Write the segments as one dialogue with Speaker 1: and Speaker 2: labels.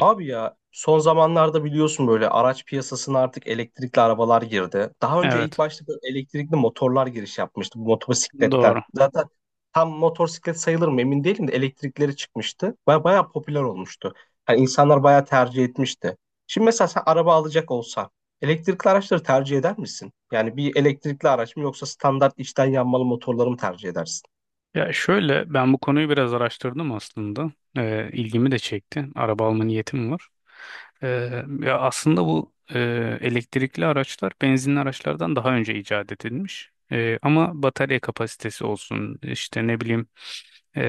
Speaker 1: Abi ya son zamanlarda biliyorsun böyle araç piyasasına artık elektrikli arabalar girdi. Daha önce ilk
Speaker 2: Evet,
Speaker 1: başta böyle elektrikli motorlar giriş yapmıştı bu motosikletler.
Speaker 2: doğru.
Speaker 1: Zaten tam motosiklet sayılır mı emin değilim de elektrikleri çıkmıştı. Bayağı popüler olmuştu. Hani insanlar bayağı tercih etmişti. Şimdi mesela sen araba alacak olsan elektrikli araçları tercih eder misin? Yani bir elektrikli araç mı yoksa standart içten yanmalı motorları mı tercih edersin?
Speaker 2: Ya şöyle ben bu konuyu biraz araştırdım aslında. İlgimi de çekti. Araba alma niyetim var. Ee, aslında bu elektrikli araçlar benzinli araçlardan daha önce icat edilmiş. Ama batarya kapasitesi olsun, işte ne bileyim e,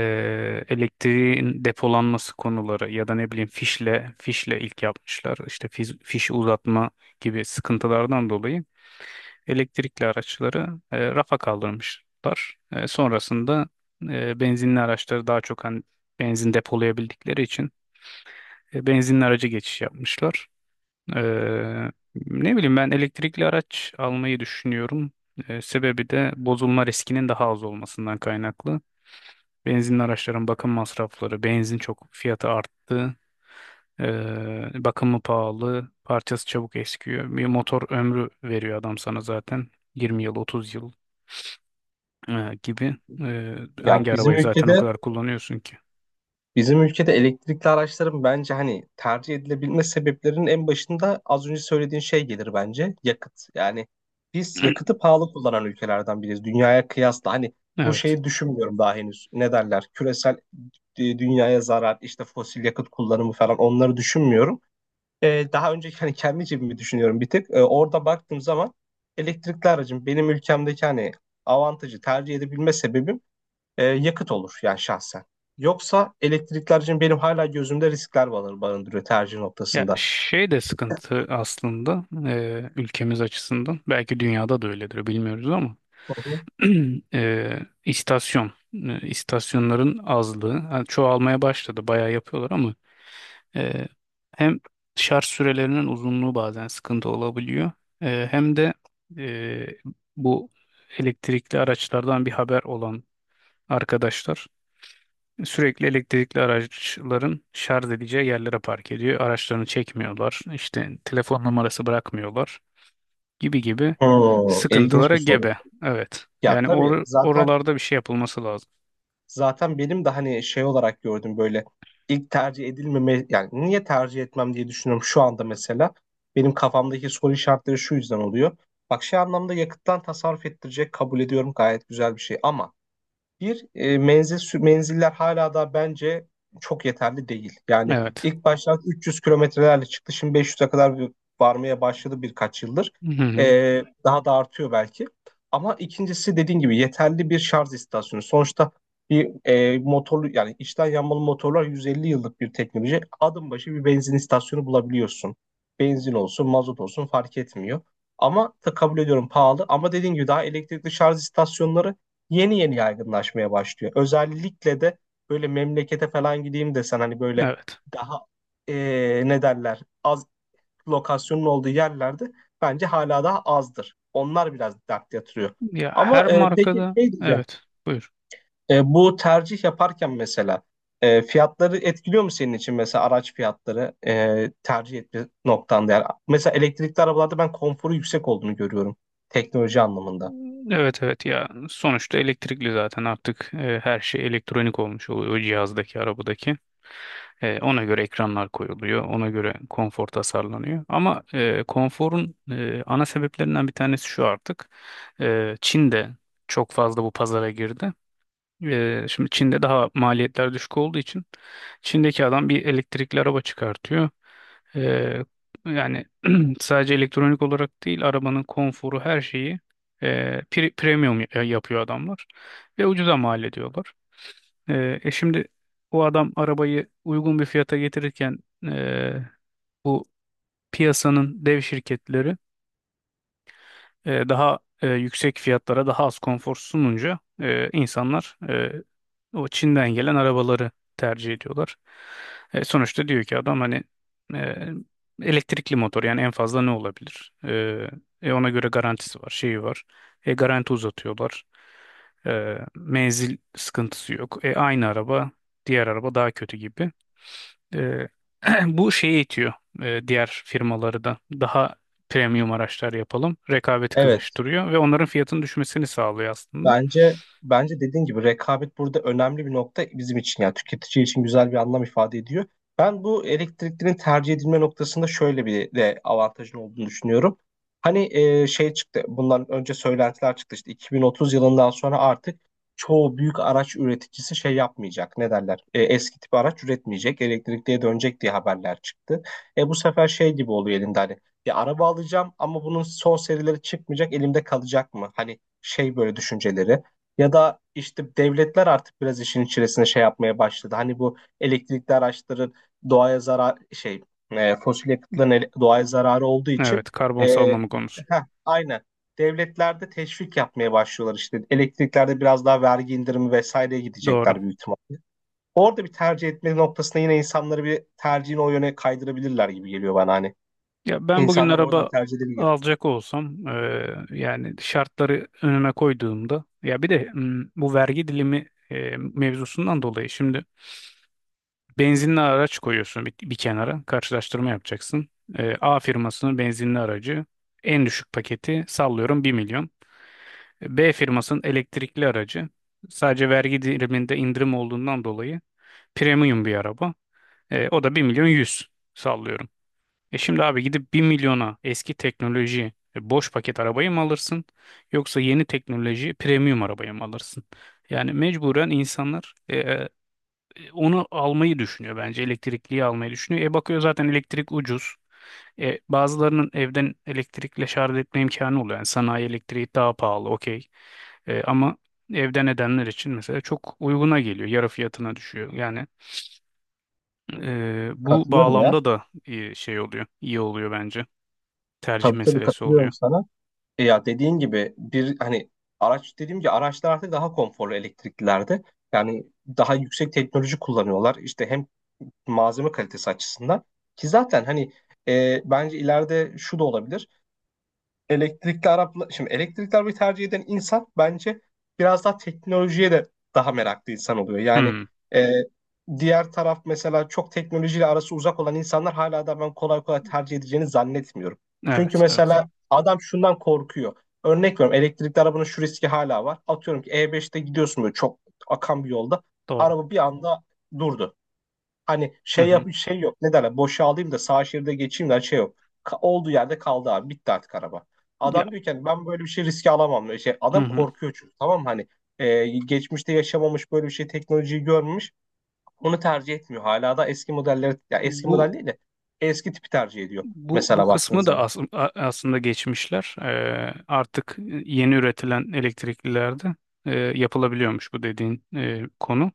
Speaker 2: elektriğin depolanması konuları ya da ne bileyim fişle ilk yapmışlar. İşte fiş fişi uzatma gibi sıkıntılardan dolayı elektrikli araçları rafa kaldırmışlar. Sonrasında benzinli araçları daha çok hani benzin depolayabildikleri için benzinli araca geçiş yapmışlar. E, ne bileyim ben elektrikli araç almayı düşünüyorum. Sebebi de bozulma riskinin daha az olmasından kaynaklı. Benzinli araçların bakım masrafları, benzin çok fiyatı arttı. E, Bakımı pahalı, parçası çabuk eskiyor. Bir motor ömrü veriyor adam sana zaten. 20 yıl, 30 yıl gibi e,
Speaker 1: Ya
Speaker 2: Hangi
Speaker 1: bizim
Speaker 2: arabayı zaten o
Speaker 1: ülkede
Speaker 2: kadar kullanıyorsun ki?
Speaker 1: Bizim ülkede elektrikli araçların bence hani tercih edilebilme sebeplerinin en başında az önce söylediğin şey gelir bence. Yakıt. Yani biz yakıtı pahalı kullanan ülkelerden biriyiz. Dünyaya kıyasla hani bu
Speaker 2: Evet.
Speaker 1: şeyi düşünmüyorum daha henüz. Ne derler? Küresel dünyaya zarar, işte fosil yakıt kullanımı falan onları düşünmüyorum. Daha önce hani kendi cebimi düşünüyorum bir tık. Orada baktığım zaman elektrikli aracın benim ülkemdeki hani avantajı tercih edebilme sebebim yakıt olur yani şahsen. Yoksa elektrikler için benim hala gözümde riskler barındırıyor tercih
Speaker 2: Ya
Speaker 1: noktasında.
Speaker 2: şey de sıkıntı aslında, ülkemiz açısından belki dünyada da öyledir bilmiyoruz ama
Speaker 1: Hı hı.
Speaker 2: istasyonların azlığı. Ha, Çoğalmaya başladı, bayağı yapıyorlar ama e, hem şarj sürelerinin uzunluğu bazen sıkıntı olabiliyor, hem de e, bu elektrikli araçlardan bir haber olan arkadaşlar sürekli elektrikli araçların şarj edeceği yerlere park ediyor. Araçlarını çekmiyorlar. İşte telefon numarası bırakmıyorlar gibi gibi
Speaker 1: Hmm, ilginç
Speaker 2: sıkıntılara
Speaker 1: bir soru.
Speaker 2: gebe. Evet.
Speaker 1: Ya
Speaker 2: Yani
Speaker 1: tabii zaten
Speaker 2: oralarda bir şey yapılması lazım.
Speaker 1: zaten benim de hani şey olarak gördüm böyle ilk tercih edilmeme, yani niye tercih etmem diye düşünüyorum şu anda mesela. Benim kafamdaki soru işaretleri şu yüzden oluyor. Bak şey anlamda yakıttan tasarruf ettirecek, kabul ediyorum gayet güzel bir şey. Ama menziller hala da bence çok yeterli değil. Yani
Speaker 2: Evet.
Speaker 1: ilk başta 300 kilometrelerle çıktı. Şimdi 500'e kadar varmaya başladı birkaç yıldır.
Speaker 2: Hı hı.
Speaker 1: E, Daha da artıyor belki. Ama ikincisi dediğin gibi yeterli bir şarj istasyonu. Sonuçta bir motorlu, yani içten yanmalı motorlar 150 yıllık bir teknoloji. Adım başı bir benzin istasyonu bulabiliyorsun. Benzin olsun, mazot olsun fark etmiyor. Ama da kabul ediyorum, pahalı. Ama dediğin gibi daha elektrikli şarj istasyonları yeni yeni yaygınlaşmaya başlıyor. Özellikle de böyle memlekete falan gideyim desen hani böyle
Speaker 2: Evet.
Speaker 1: daha ne derler, az lokasyonun olduğu yerlerde bence hala daha azdır. Onlar biraz dert yatırıyor.
Speaker 2: Ya her
Speaker 1: Ama peki
Speaker 2: markada,
Speaker 1: şey diyeceğim.
Speaker 2: evet. Buyur.
Speaker 1: Bu tercih yaparken mesela fiyatları etkiliyor mu senin için, mesela araç fiyatları tercih etme noktanda? Yani mesela elektrikli arabalarda ben konforu yüksek olduğunu görüyorum, teknoloji anlamında.
Speaker 2: Evet, evet. Ya sonuçta elektrikli zaten artık her şey elektronik olmuş oluyor, o cihazdaki arabadaki. Ona göre ekranlar koyuluyor, ona göre konfor tasarlanıyor. Ama konforun ana sebeplerinden bir tanesi şu artık. Çin de çok fazla bu pazara girdi. Şimdi Çin'de daha maliyetler düşük olduğu için Çin'deki adam bir elektrikli araba çıkartıyor. E, yani sadece elektronik olarak değil, arabanın konforu her şeyi e, premium yapıyor adamlar ve ucuza mal ediyorlar. Şimdi o adam arabayı uygun bir fiyata getirirken e, bu piyasanın dev şirketleri yüksek fiyatlara daha az konfor sununca insanlar o Çin'den gelen arabaları tercih ediyorlar. Sonuçta diyor ki adam hani e, elektrikli motor, yani en fazla ne olabilir? Ona göre garantisi var, şeyi var. Garanti uzatıyorlar. Menzil sıkıntısı yok. Aynı araba, diğer araba daha kötü gibi. Ee, bu şeyi itiyor diğer firmaları da: daha premium araçlar yapalım. Rekabeti
Speaker 1: Evet,
Speaker 2: kızıştırıyor ve onların fiyatının düşmesini sağlıyor aslında.
Speaker 1: bence dediğin gibi rekabet burada önemli bir nokta, bizim için yani tüketici için güzel bir anlam ifade ediyor. Ben bu elektriklerin tercih edilme noktasında şöyle bir de avantajın olduğunu düşünüyorum. Hani şey çıktı, bundan önce söylentiler çıktı, işte 2030 yılından sonra artık çoğu büyük araç üreticisi şey yapmayacak. Ne derler? Eski tip araç üretmeyecek, elektrikliye dönecek diye haberler çıktı. Bu sefer şey gibi oluyor elinde hani. Ya araba alacağım ama bunun son serileri çıkmayacak, elimde kalacak mı? Hani şey böyle düşünceleri. Ya da işte devletler artık biraz işin içerisine şey yapmaya başladı. Hani bu elektrikli araçların doğaya zarar şey, fosil yakıtların doğaya zararı olduğu için
Speaker 2: Evet, karbon
Speaker 1: e,
Speaker 2: salınımı konusu.
Speaker 1: aynen, devletlerde teşvik yapmaya başlıyorlar işte. Elektriklerde biraz daha vergi indirimi vesaireye
Speaker 2: Doğru.
Speaker 1: gidecekler büyük ihtimalle. Orada bir tercih etme noktasında yine insanları, bir tercihini o yöne kaydırabilirler gibi geliyor bana hani.
Speaker 2: Ya ben bugün
Speaker 1: İnsanlar oradan
Speaker 2: araba
Speaker 1: tercih edebilir.
Speaker 2: alacak olsam, yani şartları önüme koyduğumda, bu vergi dilimi mevzusundan dolayı şimdi benzinli araç koyuyorsun bir kenara, karşılaştırma yapacaksın. A firmasının benzinli aracı en düşük paketi, sallıyorum, bir milyon. B firmasının elektrikli aracı, sadece vergi diliminde indirim olduğundan dolayı premium bir araba. O da bir milyon yüz, sallıyorum. Şimdi abi, gidip bir milyona eski teknoloji boş paket arabayı mı alırsın yoksa yeni teknoloji premium arabayı mı alırsın? Yani mecburen insanlar onu almayı düşünüyor, bence elektrikliyi almayı düşünüyor. Bakıyor zaten elektrik ucuz. Bazılarının evden elektrikle şarj etme imkanı oluyor. Yani sanayi elektriği daha pahalı, okey. Ama evden edenler için mesela çok uyguna geliyor. Yarı fiyatına düşüyor. Yani bu
Speaker 1: Katılıyorum ya.
Speaker 2: bağlamda da iyi şey oluyor, iyi oluyor bence. Tercih
Speaker 1: Tabii, tabii,
Speaker 2: meselesi oluyor.
Speaker 1: katılıyorum sana. Ya dediğin gibi bir hani araç, dediğim gibi araçlar artık daha konforlu elektriklilerde. Yani daha yüksek teknoloji kullanıyorlar. İşte hem malzeme kalitesi açısından, ki zaten hani bence ileride şu da olabilir: elektrikli araba, şimdi elektrikli arabayı tercih eden insan bence biraz daha teknolojiye de daha meraklı insan oluyor. Yani
Speaker 2: Hmm,
Speaker 1: e, diğer taraf mesela çok teknolojiyle arası uzak olan insanlar hala da ben kolay kolay tercih edeceğini zannetmiyorum. Çünkü
Speaker 2: evet, evet.
Speaker 1: mesela adam şundan korkuyor. Örnek veriyorum, elektrikli arabanın şu riski hala var. Atıyorum ki E5'te gidiyorsun böyle çok akan bir yolda.
Speaker 2: Doğru.
Speaker 1: Araba bir anda durdu. Hani
Speaker 2: Hı
Speaker 1: şey
Speaker 2: hı.
Speaker 1: yap şey yok. Ne derler? Boşalayım da sağ şeride geçeyim de, hani şey yok. Olduğu yerde kaldı abi. Bitti artık araba.
Speaker 2: Ya,
Speaker 1: Adam diyor ki hani ben böyle bir şey riske alamam. Şey,
Speaker 2: hı
Speaker 1: adam
Speaker 2: hı.
Speaker 1: korkuyor çünkü, tamam mı? Hani geçmişte yaşamamış, böyle bir şey teknolojiyi görmemiş. Onu tercih etmiyor. Hala da eski modelleri, ya eski
Speaker 2: Bu
Speaker 1: model değil de eski tipi tercih ediyor.
Speaker 2: bu
Speaker 1: Mesela baktığın
Speaker 2: kısmı da
Speaker 1: zaman.
Speaker 2: aslında geçmişler. Artık yeni üretilen elektriklilerde yapılabiliyormuş bu dediğin konu.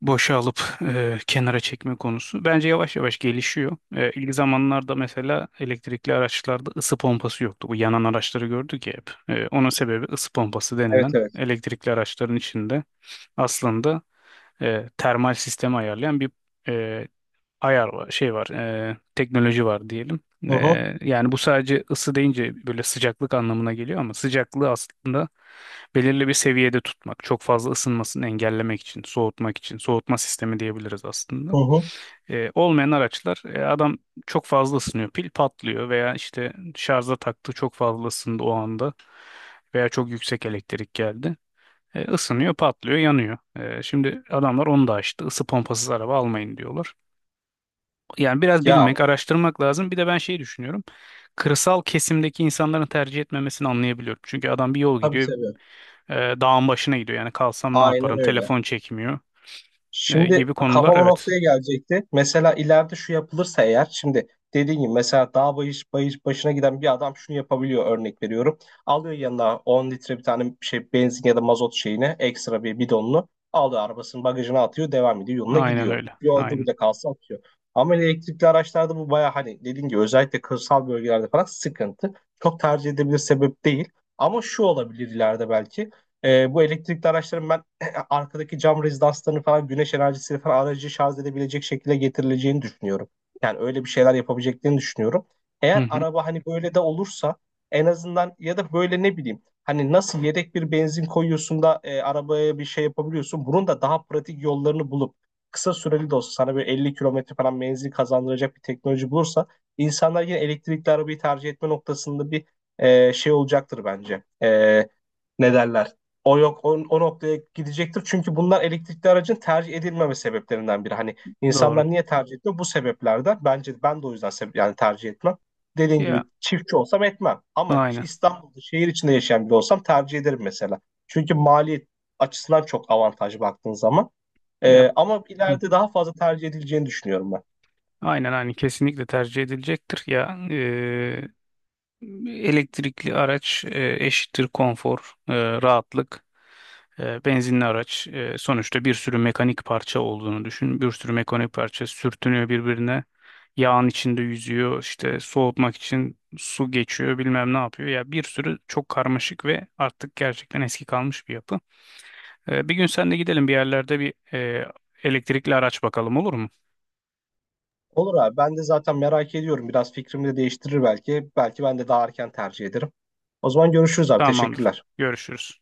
Speaker 2: Boşa alıp kenara çekme konusu bence yavaş yavaş gelişiyor. İlk zamanlarda mesela elektrikli araçlarda ısı pompası yoktu. Bu yanan araçları gördük ya hep. Onun sebebi, ısı pompası
Speaker 1: Evet,
Speaker 2: denilen
Speaker 1: evet.
Speaker 2: elektrikli araçların içinde aslında termal sistemi ayarlayan bir e, ayar var, şey var, teknoloji var diyelim.
Speaker 1: Hı
Speaker 2: E,
Speaker 1: hı,
Speaker 2: yani bu sadece ısı deyince böyle sıcaklık anlamına geliyor, ama sıcaklığı aslında belirli bir seviyede tutmak, çok fazla ısınmasını engellemek için, soğutmak için, soğutma sistemi diyebiliriz
Speaker 1: hı
Speaker 2: aslında.
Speaker 1: hı.
Speaker 2: Olmayan araçlar, adam çok fazla ısınıyor, pil patlıyor, veya işte şarja taktı, çok fazla ısındı o anda veya çok yüksek elektrik geldi. Isınıyor, patlıyor, yanıyor. Şimdi adamlar onu da açtı. Isı pompasız araba almayın diyorlar. Yani biraz
Speaker 1: Ya
Speaker 2: bilmek, araştırmak lazım. Bir de ben şey düşünüyorum. Kırsal kesimdeki insanların tercih etmemesini anlayabiliyorum. Çünkü adam bir yol
Speaker 1: tabii,
Speaker 2: gidiyor,
Speaker 1: tabii.
Speaker 2: e, dağın başına gidiyor. Yani kalsam ne
Speaker 1: Aynen
Speaker 2: yaparım?
Speaker 1: öyle.
Speaker 2: Telefon çekmiyor
Speaker 1: Şimdi
Speaker 2: gibi konular.
Speaker 1: kafama
Speaker 2: Evet.
Speaker 1: noktaya gelecekti. Mesela ileride şu yapılırsa eğer, şimdi dediğim gibi mesela dağ bayış, bayış başına giden bir adam şunu yapabiliyor, örnek veriyorum. Alıyor yanına 10 litre bir tane şey benzin ya da mazot şeyini, ekstra bir bidonunu alıyor arabasının bagajına, atıyor, devam ediyor yoluna
Speaker 2: Aynen
Speaker 1: gidiyor.
Speaker 2: öyle.
Speaker 1: Yolda
Speaker 2: Aynen.
Speaker 1: bile kalsa atıyor. Ama elektrikli araçlarda bu baya, hani dediğim gibi özellikle kırsal bölgelerde falan sıkıntı. Çok tercih edebilir sebep değil. Ama şu olabilir ileride belki. Bu elektrikli araçların ben arkadaki cam rezidanslarını falan güneş enerjisiyle falan aracı şarj edebilecek şekilde getirileceğini düşünüyorum. Yani öyle bir şeyler yapabileceklerini düşünüyorum.
Speaker 2: Hı
Speaker 1: Eğer
Speaker 2: hı.
Speaker 1: araba hani böyle de olursa en azından, ya da böyle ne bileyim hani nasıl yedek bir benzin koyuyorsun da arabaya bir şey yapabiliyorsun. Bunun da daha pratik yollarını bulup kısa süreli de olsa sana böyle 50 kilometre falan menzil kazandıracak bir teknoloji bulursa, insanlar yine elektrikli arabayı tercih etme noktasında bir şey olacaktır bence. Ne derler? O yok o, o noktaya gidecektir. Çünkü bunlar elektrikli aracın tercih edilmeme sebeplerinden biri. Hani
Speaker 2: Doğru.
Speaker 1: insanlar niye tercih ediyor? Bu sebeplerden. Bence ben de o yüzden yani tercih etmem. Dediğin
Speaker 2: Ya
Speaker 1: gibi çiftçi olsam etmem. Ama
Speaker 2: aynen.
Speaker 1: İstanbul'da şehir içinde yaşayan biri olsam tercih ederim mesela. Çünkü maliyet açısından çok avantajlı baktığın zaman.
Speaker 2: Ya,
Speaker 1: Ama
Speaker 2: hı
Speaker 1: ileride
Speaker 2: hı.
Speaker 1: daha fazla tercih edileceğini düşünüyorum ben.
Speaker 2: Aynen, aynen, kesinlikle tercih edilecektir. Elektrikli araç eşittir konfor, rahatlık. Benzinli araç, sonuçta bir sürü mekanik parça olduğunu düşün. Bir sürü mekanik parça sürtünüyor birbirine. Yağın içinde yüzüyor, işte soğutmak için su geçiyor, bilmem ne yapıyor. Ya bir sürü çok karmaşık ve artık gerçekten eski kalmış bir yapı. Bir gün sen de gidelim bir yerlerde bir elektrikli araç bakalım, olur mu?
Speaker 1: Olur abi, ben de zaten merak ediyorum. Biraz fikrimi de değiştirir belki. Belki ben de daha erken tercih ederim. O zaman görüşürüz abi.
Speaker 2: Tamamdır.
Speaker 1: Teşekkürler.
Speaker 2: Görüşürüz.